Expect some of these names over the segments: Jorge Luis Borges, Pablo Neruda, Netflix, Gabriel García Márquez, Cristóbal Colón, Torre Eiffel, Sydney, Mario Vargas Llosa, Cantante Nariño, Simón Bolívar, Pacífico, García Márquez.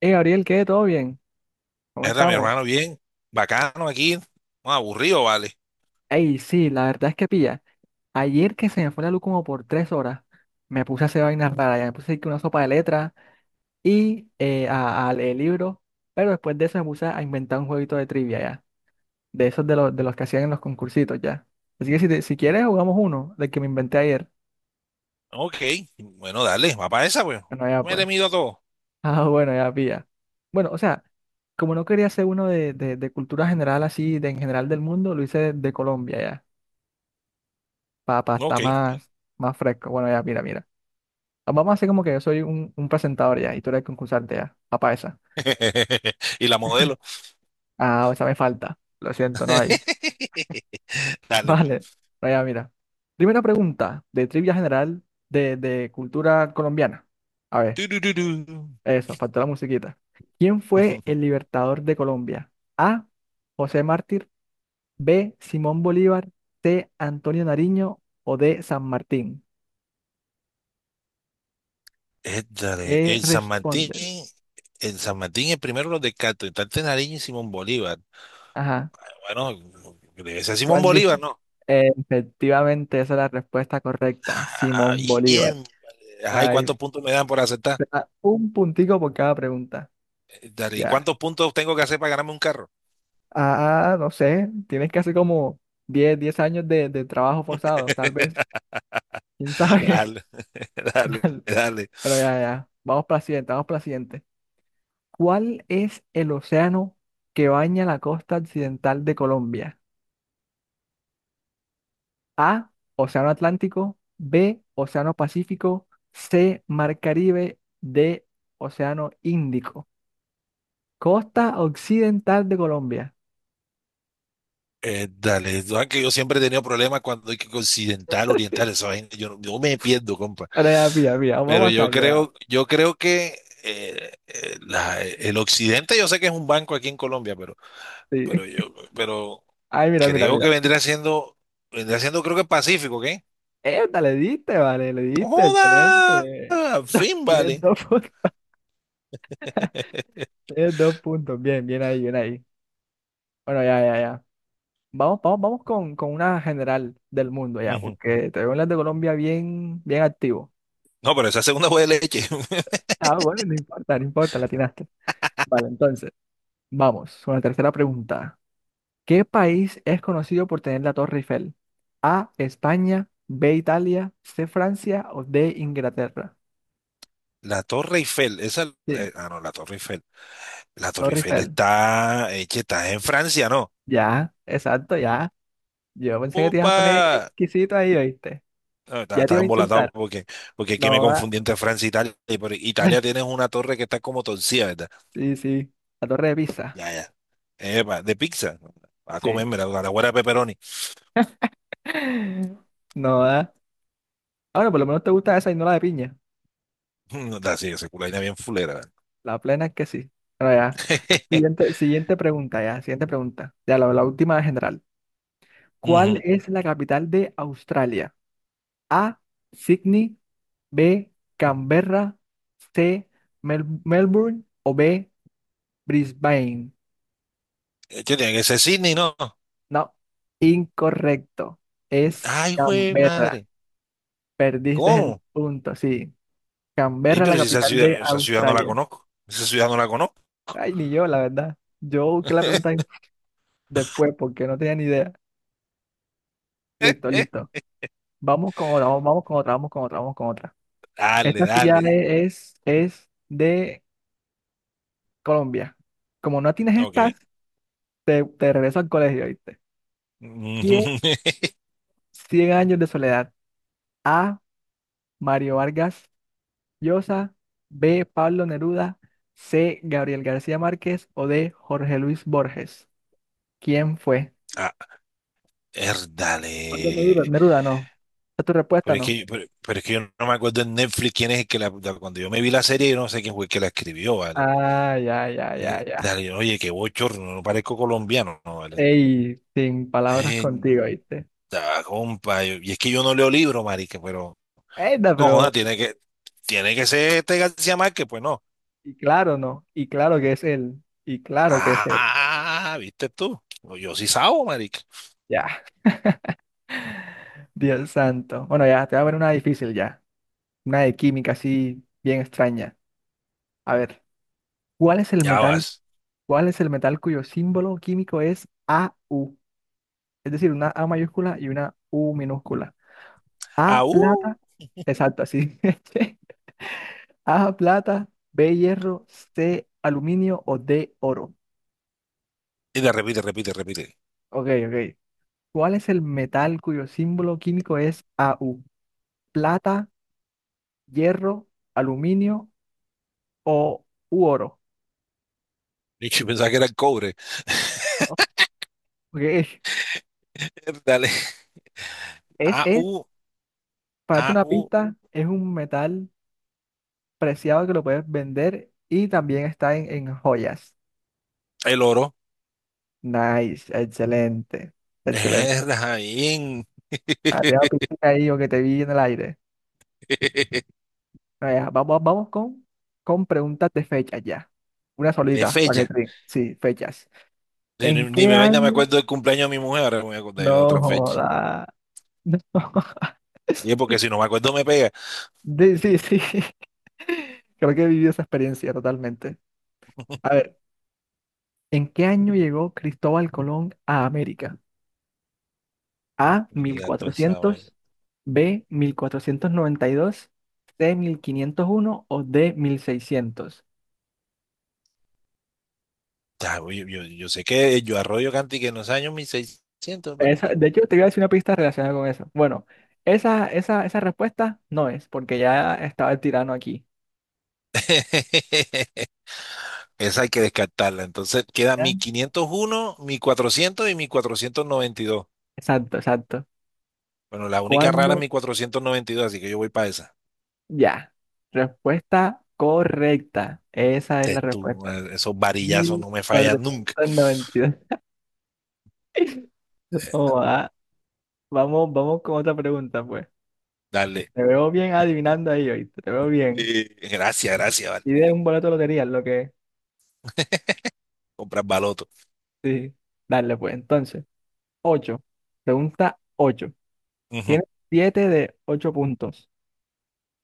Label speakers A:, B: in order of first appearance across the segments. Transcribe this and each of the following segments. A: Hey, Gabriel, ¿qué? ¿Todo bien? ¿Cómo
B: Era mi
A: estamos?
B: hermano, bien, bacano aquí, no, aburrido, vale.
A: Hey, sí, la verdad es que pilla. Ayer que se me fue la luz como por 3 horas, me puse a hacer vainas raras. Ya me puse que una sopa de letras y a leer libros. Pero después de eso me puse a inventar un jueguito de trivia ya. De esos los de los que hacían en los concursitos ya. Así que si quieres jugamos uno, del que me inventé ayer.
B: Ok, bueno, dale, va para esa, pues.
A: Bueno, ya
B: Me le
A: pues.
B: mido a todo.
A: Ah, bueno, ya pilla. Bueno, o sea, como no quería hacer uno de cultura general así, de en general del mundo, lo hice de Colombia. Papá, está
B: Ok.
A: más fresco. Bueno, ya, mira, mira. Vamos a hacer como que yo soy un presentador ya y tú eres concursante ya. Papá, esa.
B: Y la modelo.
A: Ah, esa me falta. Lo siento, no hay.
B: Dale, pues.
A: Vale. No, ya, mira. Primera pregunta de trivia general de cultura colombiana. A ver,
B: Tururú.
A: eso, faltó la musiquita. ¿Quién fue el libertador de Colombia? A. José Mártir. B. Simón Bolívar. C. Antonio Nariño. O D. San Martín.
B: Dale,
A: ¿Qué
B: el San Martín,
A: respondes?
B: el San Martín es primero los de Cantante Nariño y Simón Bolívar.
A: Ajá.
B: Bueno, debe ser Simón
A: ¿Cuál
B: Bolívar,
A: dice?
B: ¿no?
A: Efectivamente, esa es la respuesta correcta,
B: Ah,
A: Simón Bolívar.
B: bien. Ajá, ¿y
A: Ay,
B: cuántos puntos me dan por aceptar?
A: te da un puntico por cada pregunta.
B: Dale, ¿y
A: Ya.
B: cuántos puntos tengo que hacer para ganarme un carro?
A: Ah, no sé, tienes que hacer como diez años de trabajo forzado, tal vez. ¿Quién sabe?
B: Dale, dale,
A: Dale.
B: dale,
A: Pero ya, ya. Vamos para la siguiente, vamos para la siguiente. ¿Cuál es el océano que baña la costa occidental de Colombia? A, Océano Atlántico. B, Océano Pacífico. C, Mar Caribe. D, Océano Índico. Costa occidental de Colombia.
B: dale. Tú sabes que yo siempre he tenido problemas cuando hay que occidental, oriental, esa vaina, yo, no- yo me pierdo, compa.
A: Ahora ya, mira, mira,
B: Pero
A: vamos a
B: yo
A: sacar, ya.
B: creo, yo creo que el occidente, yo sé que es un banco aquí en Colombia, pero, pero
A: Sí.
B: yo, pero
A: Ay, mira, mira,
B: creo que
A: mira.
B: vendría siendo, creo que Pacífico, ¿qué?
A: Esta le diste, vale, le
B: No,
A: diste,
B: ¡joda!
A: excelente.
B: Al fin,
A: Tienes
B: vale.
A: dos, pun- Tienes 2 puntos. Bien, bien ahí, bien ahí. Bueno, ya, ya, ya. Vamos, vamos, vamos con una general del mundo ya,
B: Ujú.
A: porque te veo en las de Colombia bien, bien activo.
B: No, pero esa segunda fue de leche.
A: Ah, bueno, no importa, no importa, la Vale, entonces, vamos con la tercera pregunta. ¿Qué país es conocido por tener la Torre Eiffel? A, España. B, Italia. C, Francia. O D, Inglaterra.
B: La Torre Eiffel, esa,
A: Sí,
B: no, la Torre Eiffel. La Torre
A: Torre
B: Eiffel
A: Eiffel.
B: está, che, está en Francia, ¿no?
A: Ya, exacto, ya. Yo pensé que te ibas a poner
B: ¡Opa!
A: exquisito ahí, ¿oíste?
B: No,
A: Ya te
B: Estaba
A: iba a insultar.
B: embolatado porque es que me
A: No da.
B: confundí entre Francia e Italia. Italia tienes una torre que está como torcida, ¿verdad?
A: Sí, sí, la Torre de Pisa.
B: Ya, ya. Epa, de pizza. A
A: Sí.
B: comerme la guarda de pepperoni.
A: No da. Ahora, por lo menos te gusta esa y no la de piña.
B: No, está así, esa culaina bien fulera. ¿Verdad?
A: La plena es que sí. Bueno, ya. Siguiente, siguiente pregunta, ya. Siguiente pregunta. Ya, la última general. ¿Cuál
B: Ujú.
A: es la capital de Australia? A. Sydney. B. Canberra. C. Melbourne. O B. Brisbane.
B: Che, tiene que ser Sydney, ¿no?
A: No, incorrecto. Es
B: Ay, güey,
A: Canberra.
B: madre.
A: Perdiste el
B: ¿Cómo?
A: punto, sí.
B: Ey,
A: Canberra, la
B: pero si esa
A: capital de
B: ciudad, esa ciudad no la
A: Australia.
B: conozco. Esa ciudad no la conozco.
A: Ay, ni yo, la verdad. Yo busqué la pregunta después porque no tenía ni idea. Listo, listo. Vamos con otra, vamos con otra, vamos con otra, vamos con otra.
B: Dale,
A: Esta sí ya
B: dale.
A: es de Colombia. Como no tienes
B: Ok.
A: estas, te regreso al colegio, ¿viste? ¿Quién? Cien años de soledad. A. Mario Vargas Llosa. B. Pablo Neruda. C. Gabriel García Márquez. O D. Jorge Luis Borges. ¿Quién fue?
B: Ah,
A: Pablo
B: erdale.
A: Neruda. Neruda, no. ¿Es tu respuesta,
B: Pero es
A: no?
B: que, pero, pero es que yo no me acuerdo en Netflix quién es el que cuando yo me vi la serie, yo no sé quién fue el que la escribió, ¿vale?
A: Ah, ya, ya, ya, ya.
B: Dale, oye, qué bochorno, no parezco colombiano, ¿no, vale?
A: Ey, sin palabras
B: Eh,
A: contigo, ¿viste?
B: Da, compa, y es que yo no leo libros, marica, pero
A: Enda,
B: no, joda,
A: pero.
B: tiene que ser este García Márquez, pues no.
A: Y claro, no. Y claro que es él. Y claro que es él.
B: Ah, ¿viste tú? No, yo sí sabo, marica.
A: Ya, Dios santo. Bueno, ya, te voy a poner una difícil ya. Una de química así bien extraña. A ver, ¿cuál es el
B: Ya
A: metal?
B: vas.
A: ¿Cuál es el metal cuyo símbolo químico es AU? Es decir, una A mayúscula y una U minúscula.
B: Ah,
A: A
B: uh.
A: plata, exacto, así. A plata, B hierro, C aluminio o D oro.
B: Y de repite, repite, repite.
A: Ok, ok. ¿Cuál es el metal cuyo símbolo químico es AU? Plata, hierro, aluminio o u oro.
B: Y yo pensaba que era el cobre.
A: No, ok, es,
B: Dale.
A: es,
B: Au au.
A: para darte una pista, es un metal preciado que lo puedes vender y también está en joyas.
B: El oro.
A: Nice, excelente, excelente.
B: Erda, bien.
A: Arriba piscina ahí o que te vi en el aire. Vaya, vamos, vamos con preguntas de fechas ya. Una
B: De
A: solita, para que
B: fecha.
A: te... Sí, fechas.
B: Ni,
A: ¿En
B: ni-
A: qué
B: ni me vaina me
A: año?
B: acuerdo del cumpleaños de mi mujer, ahora me voy a acordar yo
A: No
B: de otra fecha.
A: joda. No.
B: Y es porque si no me acuerdo me pega.
A: Sí, sí, sí. Creo que he vivido esa experiencia totalmente. A ver, ¿en qué año llegó Cristóbal Colón a América? A. mil
B: Mira, tú esa vaina.
A: cuatrocientos B. 1492. C. 1501. O D. 1600.
B: Ya, yo sé que yo arroyo canti que en los años 1600, pero.
A: De hecho, te voy a decir una pista relacionada con eso. Bueno, esa respuesta no es, porque ya estaba el tirano aquí.
B: Esa hay que descartarla. Entonces queda
A: ¿Ya?
B: mi 501, mi 400 y mi 492.
A: Exacto, exacto.
B: Bueno, la única rara
A: ¿Cuándo?
B: es mi 492, así que yo voy para esa.
A: Ya. Respuesta correcta. Esa es
B: Te-
A: la
B: tú,
A: respuesta.
B: eh, esos varillazos
A: mil
B: no me fallan
A: cuatrocientos
B: nunca.
A: noventa y dos Oh, ah. Vamos, vamos con otra pregunta, pues.
B: Dale.
A: Te veo bien adivinando ahí, hoy te veo bien.
B: Gracias, gracias, vale.
A: Y de un boleto de lotería, lo que
B: Comprar baloto.
A: sí, dale pues. Entonces, ocho. Pregunta ocho.
B: Ujú.
A: Tienes 7 de 8 puntos.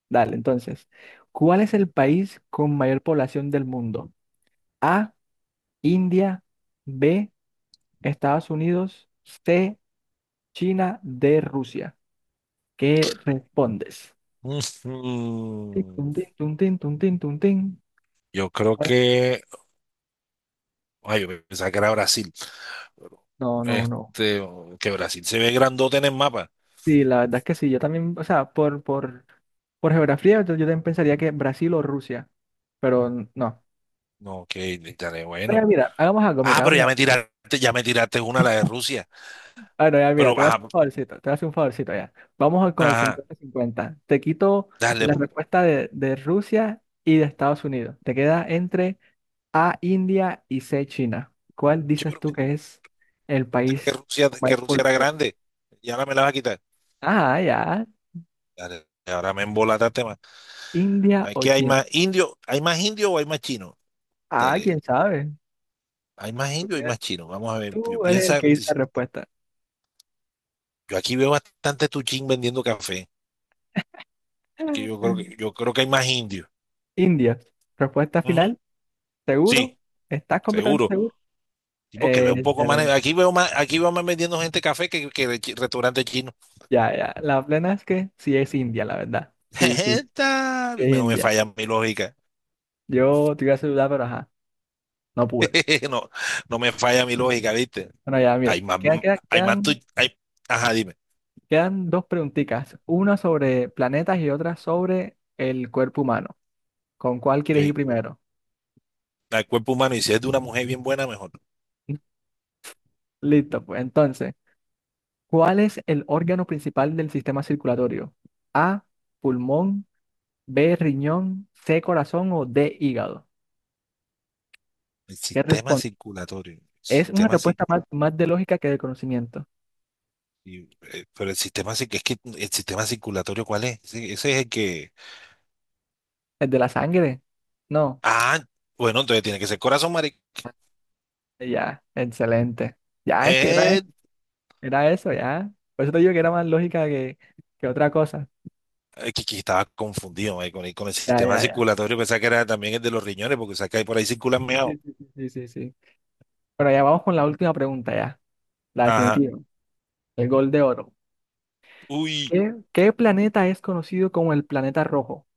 A: Dale, entonces, ¿cuál es el país con mayor población del mundo? A, India. B, Estados Unidos. C, China. D, Rusia. ¿Qué respondes? Tin, tun,
B: Ujú.
A: tin, tun, tin, tun, tin, tun, tin.
B: Yo creo que. Ay, yo pensaba que era Brasil.
A: No, no, no.
B: Este, que Brasil se ve grandote en el mapa.
A: Sí, la verdad es que sí, yo también, o sea, por geografía, yo también pensaría que Brasil o Rusia, pero no.
B: No, que estaré
A: Mira,
B: bueno.
A: mira, hagamos algo,
B: Ah,
A: mira,
B: pero
A: hagamos.
B: ya me tiraste una, la de Rusia.
A: Ah, no, ya, mira,
B: Pero,
A: te voy a hacer
B: ajá,
A: un favorcito, te voy a hacer un favorcito ya. Con el
B: ajá,
A: 50-50 te quito
B: dale,
A: la
B: po.
A: respuesta de Rusia y de Estados Unidos. Te queda entre A, India y C, China. ¿Cuál
B: Che,
A: dices
B: pero
A: tú
B: me dijiste
A: que es el
B: que
A: país
B: Rusia,
A: con
B: que
A: mayor
B: Rusia era
A: población?
B: grande. Y ahora me la vas a quitar.
A: Ah, ya,
B: Dale, ahora me embolataste más.
A: India o
B: Aquí
A: China.
B: ¿hay más indio o hay más chino?
A: Ah, quién
B: Dale,
A: sabe.
B: ¿hay más
A: Tú,
B: indio o hay
A: tienes-
B: más chino? Vamos a ver, pi-
A: tú eres el
B: piensa,
A: que dice
B: si
A: la respuesta.
B: Yo aquí veo bastante Tuchín vendiendo café. Es que yo creo que, yo creo que hay más indios.
A: India. Respuesta
B: Ujú.
A: final, ¿seguro?
B: Sí,
A: ¿Estás completamente
B: seguro.
A: seguro?
B: Tipo que veo un poco más.
A: Excelente.
B: Aquí veo más, aquí veo más vendiendo gente café que de restaurante chino.
A: Ya, ya. La plena es que sí es India, la verdad. Sí, sí, sí es
B: No me
A: India.
B: falla mi lógica.
A: Yo te iba a saludar, pero ajá, no pude.
B: No, no me falla mi lógica, ¿viste?
A: Bueno, ya, mira.
B: Hay más,
A: Quedan, quedan,
B: hay más tu-
A: quedan,
B: hay- ajá, dime.
A: quedan dos preguntitas. Una sobre planetas y otra sobre el cuerpo humano. ¿Con cuál quieres ir
B: Okay.
A: primero?
B: El cuerpo humano, y si es de una mujer bien buena, mejor.
A: Listo, pues entonces, ¿cuál es el órgano principal del sistema circulatorio? A, pulmón. B, riñón. C, corazón. O D, hígado.
B: El
A: ¿Qué
B: sistema
A: responde?
B: circulatorio. El
A: Es una
B: Sistema cir-
A: respuesta más de lógica que de conocimiento.
B: y, Pero el sistema, es que el sistema circulatorio, ¿cuál es? Ese es el que.
A: ¿El de la sangre? No.
B: Ah, bueno, entonces tiene que ser corazón, marica.
A: Ya, excelente. Ya, es que era, e-
B: Eh,
A: era eso, ya. Por eso te digo que era más lógica que otra cosa.
B: que estaba confundido, con el
A: Ya,
B: sistema
A: ya, ya.
B: circulatorio, pensaba que era también el de los riñones, porque sabes que ahí por ahí circulan
A: Sí,
B: meado.
A: sí, sí, sí, sí, sí. Bueno, ya vamos con la última pregunta, ya. La
B: Ajá.
A: definitiva. El gol de oro.
B: Uy.
A: ¿Qué planeta es conocido como el planeta rojo?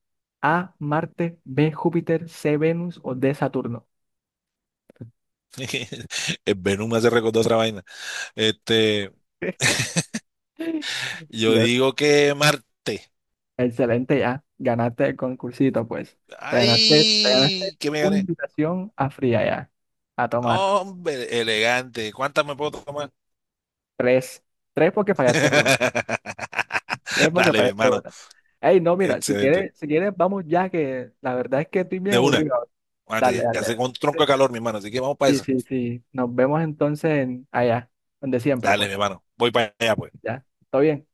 A: A, Marte. B, Júpiter. C, Venus. O D, Saturno.
B: El Venom me hace recordar otra vaina. Este, yo
A: Dios.
B: digo que Marte.
A: Excelente ya, ganaste el concursito pues. Te ganaste
B: Ay, que me
A: una
B: gané.
A: invitación a fría ya, a tomar
B: Hombre, elegante. ¿Cuántas me puedo tomar?
A: tres, tres porque fallaste una, tres porque
B: Dale, mi
A: fallaste
B: hermano.
A: una. Ey, no, mira, si
B: Excelente.
A: quieres, si quieres vamos ya que la verdad es que estoy bien
B: De una.
A: aburrido. Dale,
B: Mate,
A: dale.
B: ya hace un tronco de
A: Dale.
B: calor, mi hermano. Así que vamos para
A: Sí,
B: esa.
A: sí, sí. sí. Nos vemos entonces allá, donde siempre
B: Dale,
A: pues.
B: mi hermano. Voy para allá, pues.
A: Ya, ¿todo bien?